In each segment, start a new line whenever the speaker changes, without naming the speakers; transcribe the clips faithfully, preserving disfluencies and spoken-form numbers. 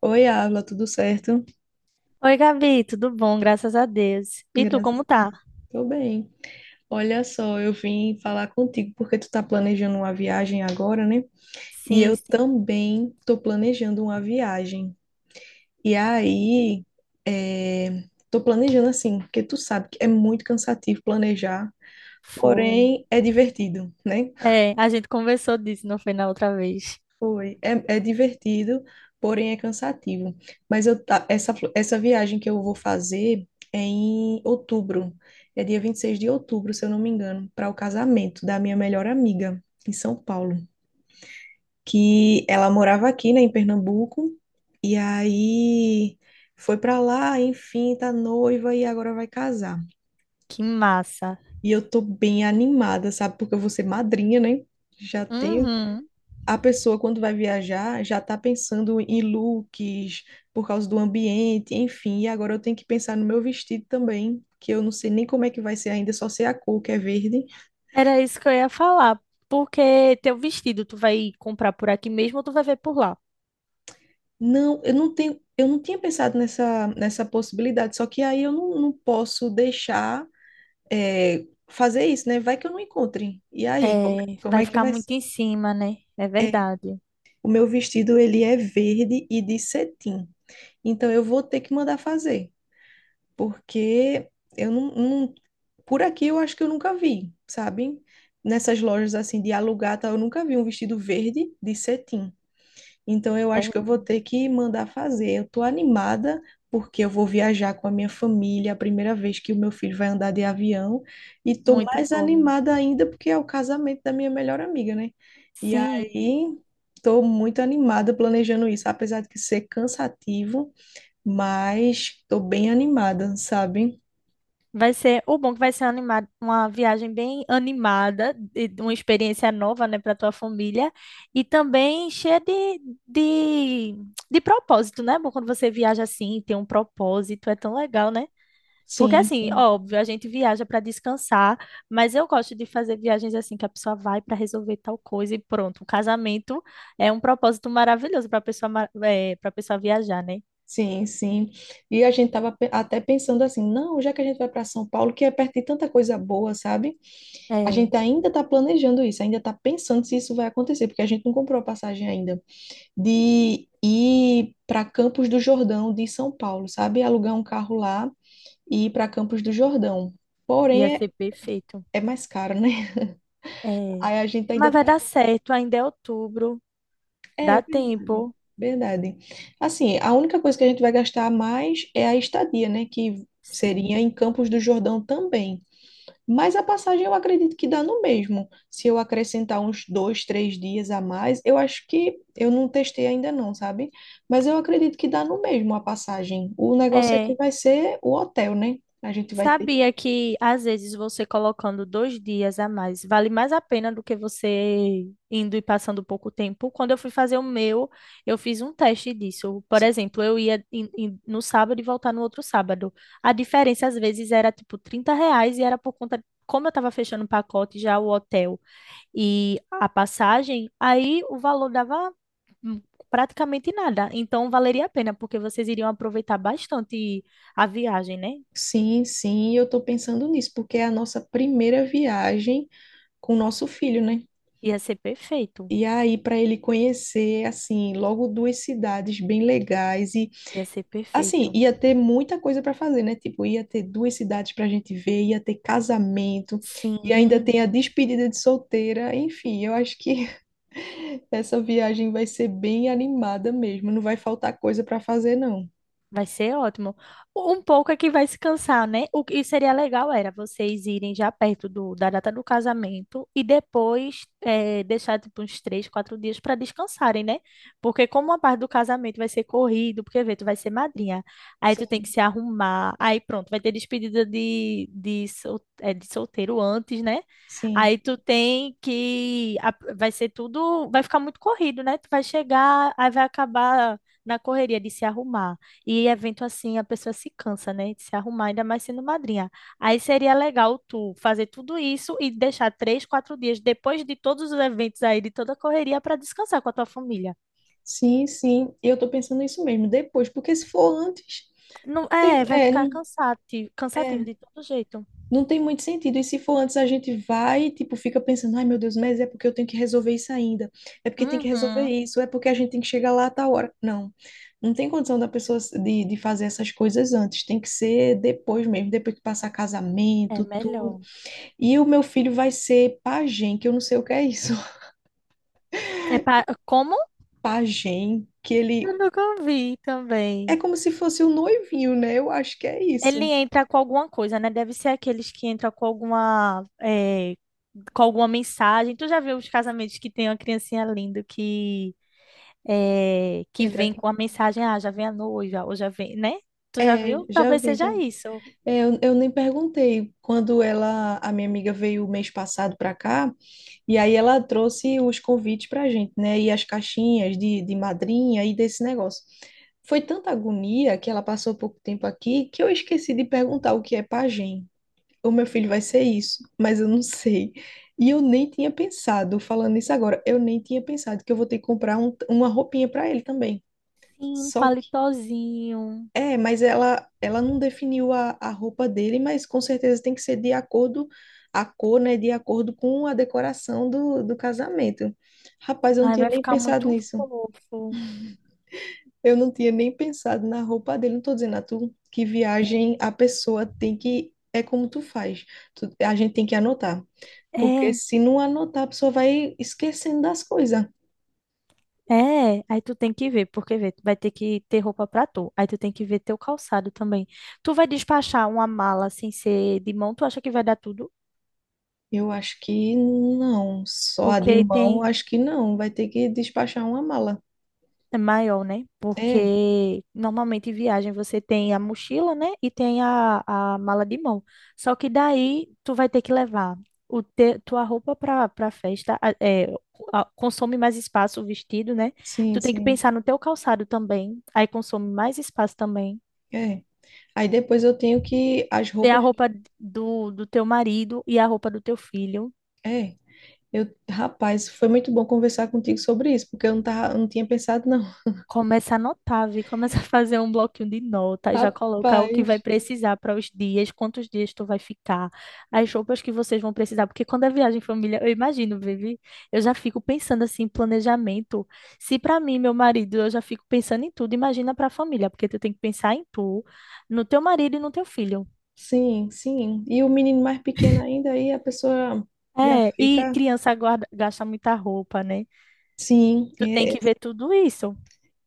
Oi, Avla, tudo certo?
Oi, Gabi, tudo bom? Graças a Deus. E tu,
Graças
como
a Deus,
tá?
tô bem. Olha só, eu vim falar contigo porque tu tá planejando uma viagem agora, né? E
Sim,
eu
sim,
também tô planejando uma viagem. E aí, é... tô planejando assim, porque tu sabe que é muito cansativo planejar,
foi.
porém é divertido, né?
É, a gente conversou disso, não foi na outra vez?
Foi. É, é divertido, porém é cansativo. Mas eu, ta- essa, fl- essa viagem que eu vou fazer é em outubro. É dia vinte e seis de outubro, se eu não me engano, para o casamento da minha melhor amiga em São Paulo. Que ela morava aqui, né, em Pernambuco, e aí foi para lá, enfim, tá noiva e agora vai casar.
Que massa.
E eu tô bem animada, sabe? Porque eu vou ser madrinha, né? Já tenho
Uhum.
a pessoa, quando vai viajar, já está pensando em looks, por causa do ambiente, enfim. E agora eu tenho que pensar no meu vestido também, que eu não sei nem como é que vai ser ainda, só sei a cor, que é verde.
Era isso que eu ia falar. Porque teu vestido, tu vai comprar por aqui mesmo ou tu vai ver por lá?
Não, eu não tenho, eu não tinha pensado nessa, nessa possibilidade, só que aí eu não, não posso deixar, é, fazer isso, né? Vai que eu não encontre. E aí, como, é,
É,
como
vai
é que
ficar
vai
muito
ser?
em cima, né? É
É,
verdade.
o meu vestido, ele é verde e de cetim. Então, eu vou ter que mandar fazer, porque eu não, não- por aqui eu acho que eu nunca vi, sabe? Nessas lojas assim de alugar, tá, eu nunca vi um vestido verde de cetim. Então eu
É
acho que eu vou ter que mandar fazer. Eu tô animada porque eu vou viajar com a minha família, a primeira vez que o meu filho vai andar de avião, e tô
muito
mais
bom.
animada ainda porque é o casamento da minha melhor amiga, né? E
Sim.
aí tô muito animada planejando isso, apesar de que ser cansativo, mas tô bem animada, sabe?
Vai ser, o bom é que vai ser animado, uma viagem bem animada, e uma experiência nova, né, para tua família e também cheia de, de, de propósito, né? É bom, quando você viaja assim, tem um propósito, é tão legal, né? Porque
Sim,
assim,
sim,
óbvio, a gente viaja para descansar, mas eu gosto de fazer viagens assim que a pessoa vai para resolver tal coisa e pronto. O casamento é um propósito maravilhoso para pessoa, para pessoa viajar, né?
sim, sim. E a gente estava até pensando assim, não, já que a gente vai para São Paulo, que é perto de tanta coisa boa, sabe? A
É,
gente ainda está planejando isso, ainda está pensando se isso vai acontecer, porque a gente não comprou a passagem ainda, de ir para Campos do Jordão de São Paulo, sabe? Alugar um carro lá e ir para Campos do Jordão.
ia
Porém, é,
ser perfeito.
é mais caro, né?
É,
Aí a gente ainda
mas vai
tá.
dar certo, ainda é outubro,
É,
dá tempo.
verdade. Assim, a única coisa que a gente vai gastar mais é a estadia, né? Que seria
Sim.
em Campos do Jordão também. Mas a passagem eu acredito que dá no mesmo. Se eu acrescentar uns dois, três dias a mais, eu acho que eu não testei ainda não, sabe? Mas eu acredito que dá no mesmo a passagem. O negócio é que
É,
vai ser o hotel, né? A gente vai ter que.
sabia que às vezes você colocando dois dias a mais vale mais a pena do que você indo e passando pouco tempo? Quando eu fui fazer o meu, eu fiz um teste disso. Por exemplo, eu ia em- em- no sábado e voltar no outro sábado. A diferença às vezes era tipo trinta reais e era por conta, como eu estava fechando o pacote já o hotel e a passagem, aí o valor dava hum, praticamente nada. Então valeria a pena, porque vocês iriam aproveitar bastante a viagem, né?
Sim, sim, eu tô pensando nisso, porque é a nossa primeira viagem com o nosso filho, né?
Ia ser perfeito.
E aí, para ele conhecer, assim, logo duas cidades bem legais e,
Ia ser
assim,
perfeito.
ia ter muita coisa para fazer, né? Tipo, ia ter duas cidades para a gente ver, ia ter casamento e ainda
Sim.
tem a despedida de solteira. Enfim, eu acho que essa viagem vai ser bem animada mesmo. Não vai faltar coisa para fazer, não.
Vai ser ótimo. Um pouco é que vai se cansar, né? O que seria legal era vocês irem já perto do, da data do casamento e depois eh, deixar tipo uns três, quatro dias para descansarem, né? Porque como a parte do casamento vai ser corrido, porque vê, tu vai ser madrinha, aí
Sim,
tu tem que se arrumar, aí pronto, vai ter despedida de, de, sol, eh, de solteiro antes, né?
sim,
Aí tu tem que. a- Vai ser tudo. Vai ficar muito corrido, né? Tu vai chegar, aí vai acabar na correria de se arrumar e evento assim, a pessoa se cansa, né? De se arrumar, ainda mais sendo madrinha. Aí seria legal tu fazer tudo isso e deixar três, quatro dias depois de todos os eventos aí, de toda a correria, para descansar com a tua família.
sim, sim. Eu tô pensando nisso mesmo. Depois, porque se for antes,
Não,
não
é,
tem,
vai
é,
ficar
não-
cansativo, cansativo
é.
de todo jeito.
Não tem muito sentido. E se for antes, a gente vai, e, tipo, fica pensando, ai meu Deus, mas é porque eu tenho que resolver isso ainda. É porque tem que resolver
Uhum.
isso, é porque a gente tem que chegar lá a tal hora. Não. Não tem condição da pessoa se- de, de fazer essas coisas antes. Tem que ser depois mesmo, depois que passar
É
casamento, tudo.
melhor.
E o meu filho vai ser pajem, que eu não sei o que é isso.
É pra, como?
Pajem, que ele
Eu nunca vi
é
também.
como se fosse o noivinho, né? Eu acho que é
Ele
isso.
entra com alguma coisa, né? Deve ser aqueles que entram com alguma, é, com alguma mensagem. Tu já viu os casamentos que tem uma criancinha linda que eh, que
Entra.
vem com a mensagem, ah, já vem a noiva, ou já vem, né? Tu já
É,
viu?
já
Talvez
vi,
seja
já.
isso.
É, eu, eu nem perguntei quando ela, a minha amiga veio mês passado para cá, e aí ela trouxe os convites para a gente, né? E as caixinhas de, de madrinha e desse negócio. Foi tanta agonia que ela passou pouco tempo aqui que eu esqueci de perguntar o que é pajem. O meu filho vai ser isso, mas eu não sei. E eu nem tinha pensado, falando isso agora, eu nem tinha pensado que eu vou ter que comprar um- uma roupinha para ele também.
Sim, um
Só
palitozinho.
é, mas ela, ela não definiu a, a roupa dele, mas com certeza tem que ser de acordo, a cor, né, de acordo com a decoração do, do casamento. Rapaz, eu não
Aí
tinha
vai
nem
ficar
pensado
muito
nisso.
fofo.
Eu não tinha nem pensado na roupa dele. Não tô dizendo a tu que viagem a pessoa tem que, é como tu faz. Tu- a gente tem que anotar, porque
É,
se não anotar, a pessoa vai esquecendo das coisas.
é. Aí tu tem que ver, porque vê, tu vai ter que ter roupa pra tu. Aí tu tem que ver teu calçado também. Tu vai despachar uma mala sem ser de mão, tu acha que vai dar tudo?
Eu acho que não, só a de
Porque
mão,
tem.
acho que não. Vai ter que despachar uma mala.
É maior, né?
É,
Porque normalmente em viagem você tem a mochila, né? E tem a, a mala de mão. Só que daí tu vai ter que levar o te, tua roupa para para festa, a- é, a- consome mais espaço o vestido, né?
sim,
Tu tem que
sim.
pensar no teu calçado também, aí consome mais espaço também.
É. Aí depois eu tenho que as
Tem a
roupas.
roupa do, do teu marido e a roupa do teu filho.
É. Eu, rapaz, foi muito bom conversar contigo sobre isso, porque eu não tava, eu não tinha pensado, não.
Começa a anotar, vi, começa a fazer um bloquinho de nota, já coloca o que vai
Rapaz.
precisar para os dias, quantos dias tu vai ficar, as roupas que vocês vão precisar, porque quando é viagem em família, eu imagino, Vivi, eu já fico pensando assim, em planejamento. Se para mim, meu marido, eu já fico pensando em tudo, imagina para a família, porque tu tem que pensar em tu, no teu marido e no teu filho.
Sim, sim. E o menino mais pequeno ainda, aí a pessoa já
É, e
fica.
criança guarda, gasta muita roupa, né?
Sim.
Tu tem
É.
que ver tudo isso.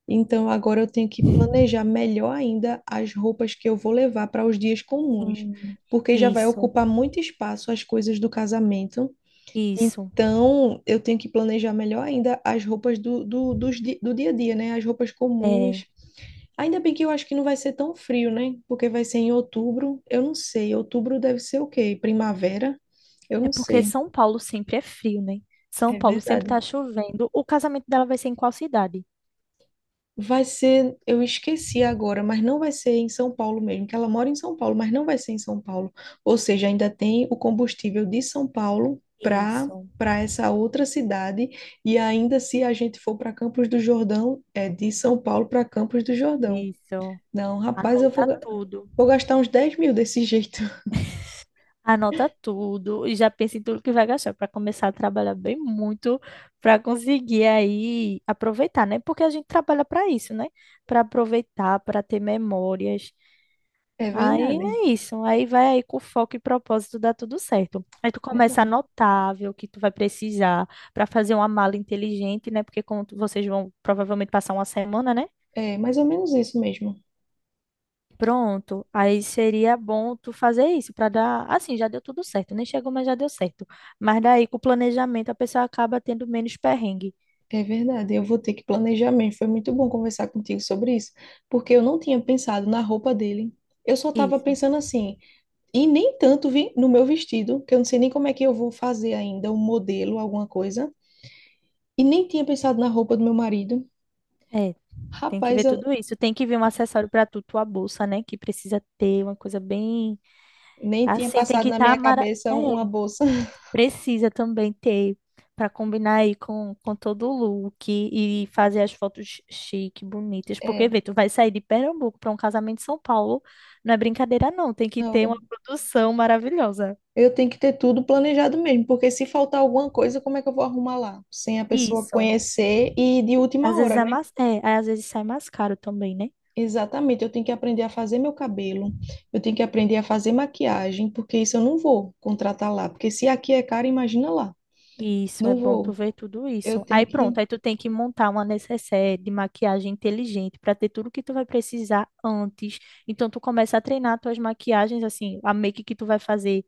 Então agora eu tenho que planejar melhor ainda as roupas que eu vou levar para os dias comuns,
Sim,
porque já vai
isso,
ocupar muito espaço as coisas do casamento.
isso.
Então, eu tenho que planejar melhor ainda as roupas do, do, dos di- do dia a dia, né? As roupas
É.
comuns. Ainda bem que eu acho que não vai ser tão frio, né? Porque vai ser em outubro. Eu não sei. Outubro deve ser o quê? Primavera? Eu
É
não
porque
sei.
São Paulo sempre é frio, né? São
É
Paulo sempre
verdade.
tá chovendo. O casamento dela vai ser em qual cidade?
Vai ser, eu esqueci agora, mas não vai ser em São Paulo mesmo, que ela mora em São Paulo, mas não vai ser em São Paulo. Ou seja, ainda tem o combustível de São Paulo para
Isso,
para essa outra cidade e ainda se a gente for para Campos do Jordão, é de São Paulo para Campos do Jordão.
isso.
Não, rapaz, eu
Anota
vou, ga-
tudo.
vou gastar uns dez mil desse jeito.
Anota tudo e já pensa em tudo que vai gastar para começar a trabalhar bem muito para conseguir aí aproveitar, né? Porque a gente trabalha para isso, né? Para aproveitar, para ter memórias.
É
Aí
verdade,
é isso. Aí vai aí com foco e propósito, dá tudo certo. Aí tu
é
começa a
verdade.
anotar, ver o que tu vai precisar para fazer uma mala inteligente, né? Porque como tu- vocês vão provavelmente passar uma semana, né?
É mais ou menos isso mesmo.
Pronto. Aí seria bom tu fazer isso para dar, assim, já deu tudo certo. Nem chegou, mas já deu certo. Mas daí com o planejamento a pessoa acaba tendo menos perrengue.
É verdade, eu vou ter que planejar mesmo. Foi muito bom conversar contigo sobre isso, porque eu não tinha pensado na roupa dele. Eu só estava
Isso.
pensando assim, e nem tanto vi no meu vestido, que eu não sei nem como é que eu vou fazer ainda, um modelo, alguma coisa. E nem tinha pensado na roupa do meu marido.
É, tem que ver
Rapaz, eu
tudo isso. Tem que ver um acessório para tu, tua bolsa, né? Que precisa ter uma coisa bem
nem tinha
assim, tem
passado
que
na
estar
minha
mara...
cabeça uma
É.
bolsa.
Precisa também ter para combinar aí com, com todo o look e fazer as fotos chique, bonitas. Porque,
É,
vê, tu vai sair de Pernambuco para um casamento em São Paulo, não é brincadeira, não. Tem que ter uma
não,
produção maravilhosa.
eu tenho que ter tudo planejado mesmo, porque se faltar alguma coisa, como é que eu vou arrumar lá? Sem a pessoa
Isso.
conhecer e de última
Às vezes
hora,
é mais, é, aí às vezes sai mais caro também, né?
exatamente, eu tenho que aprender a fazer meu cabelo, eu tenho que aprender a fazer maquiagem, porque isso eu não vou contratar lá, porque se aqui é caro, imagina lá.
Isso, é
Não
bom tu
vou.
ver tudo
Eu
isso.
tenho
Aí pronto,
que.
aí tu tem que montar uma necessaire de maquiagem inteligente para ter tudo que tu vai precisar antes. Então tu começa a treinar tuas maquiagens, assim, a make que tu vai fazer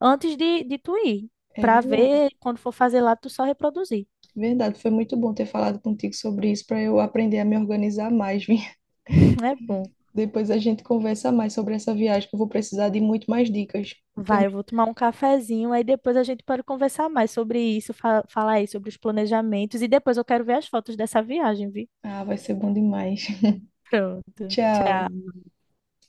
antes de, de tu ir,
É
para
verdade,
ver quando for fazer lá, tu só reproduzir.
verdade. Foi muito bom ter falado contigo sobre isso para eu aprender a me organizar mais, viu?
É bom.
Depois a gente conversa mais sobre essa viagem, que eu vou precisar de muito mais dicas. Tem-
Vai, eu vou tomar um cafezinho, aí depois a gente pode conversar mais sobre isso, fa- falar aí sobre os planejamentos, e depois eu quero ver as fotos dessa viagem, viu?
Ah, vai ser bom demais.
Pronto.
Tchau.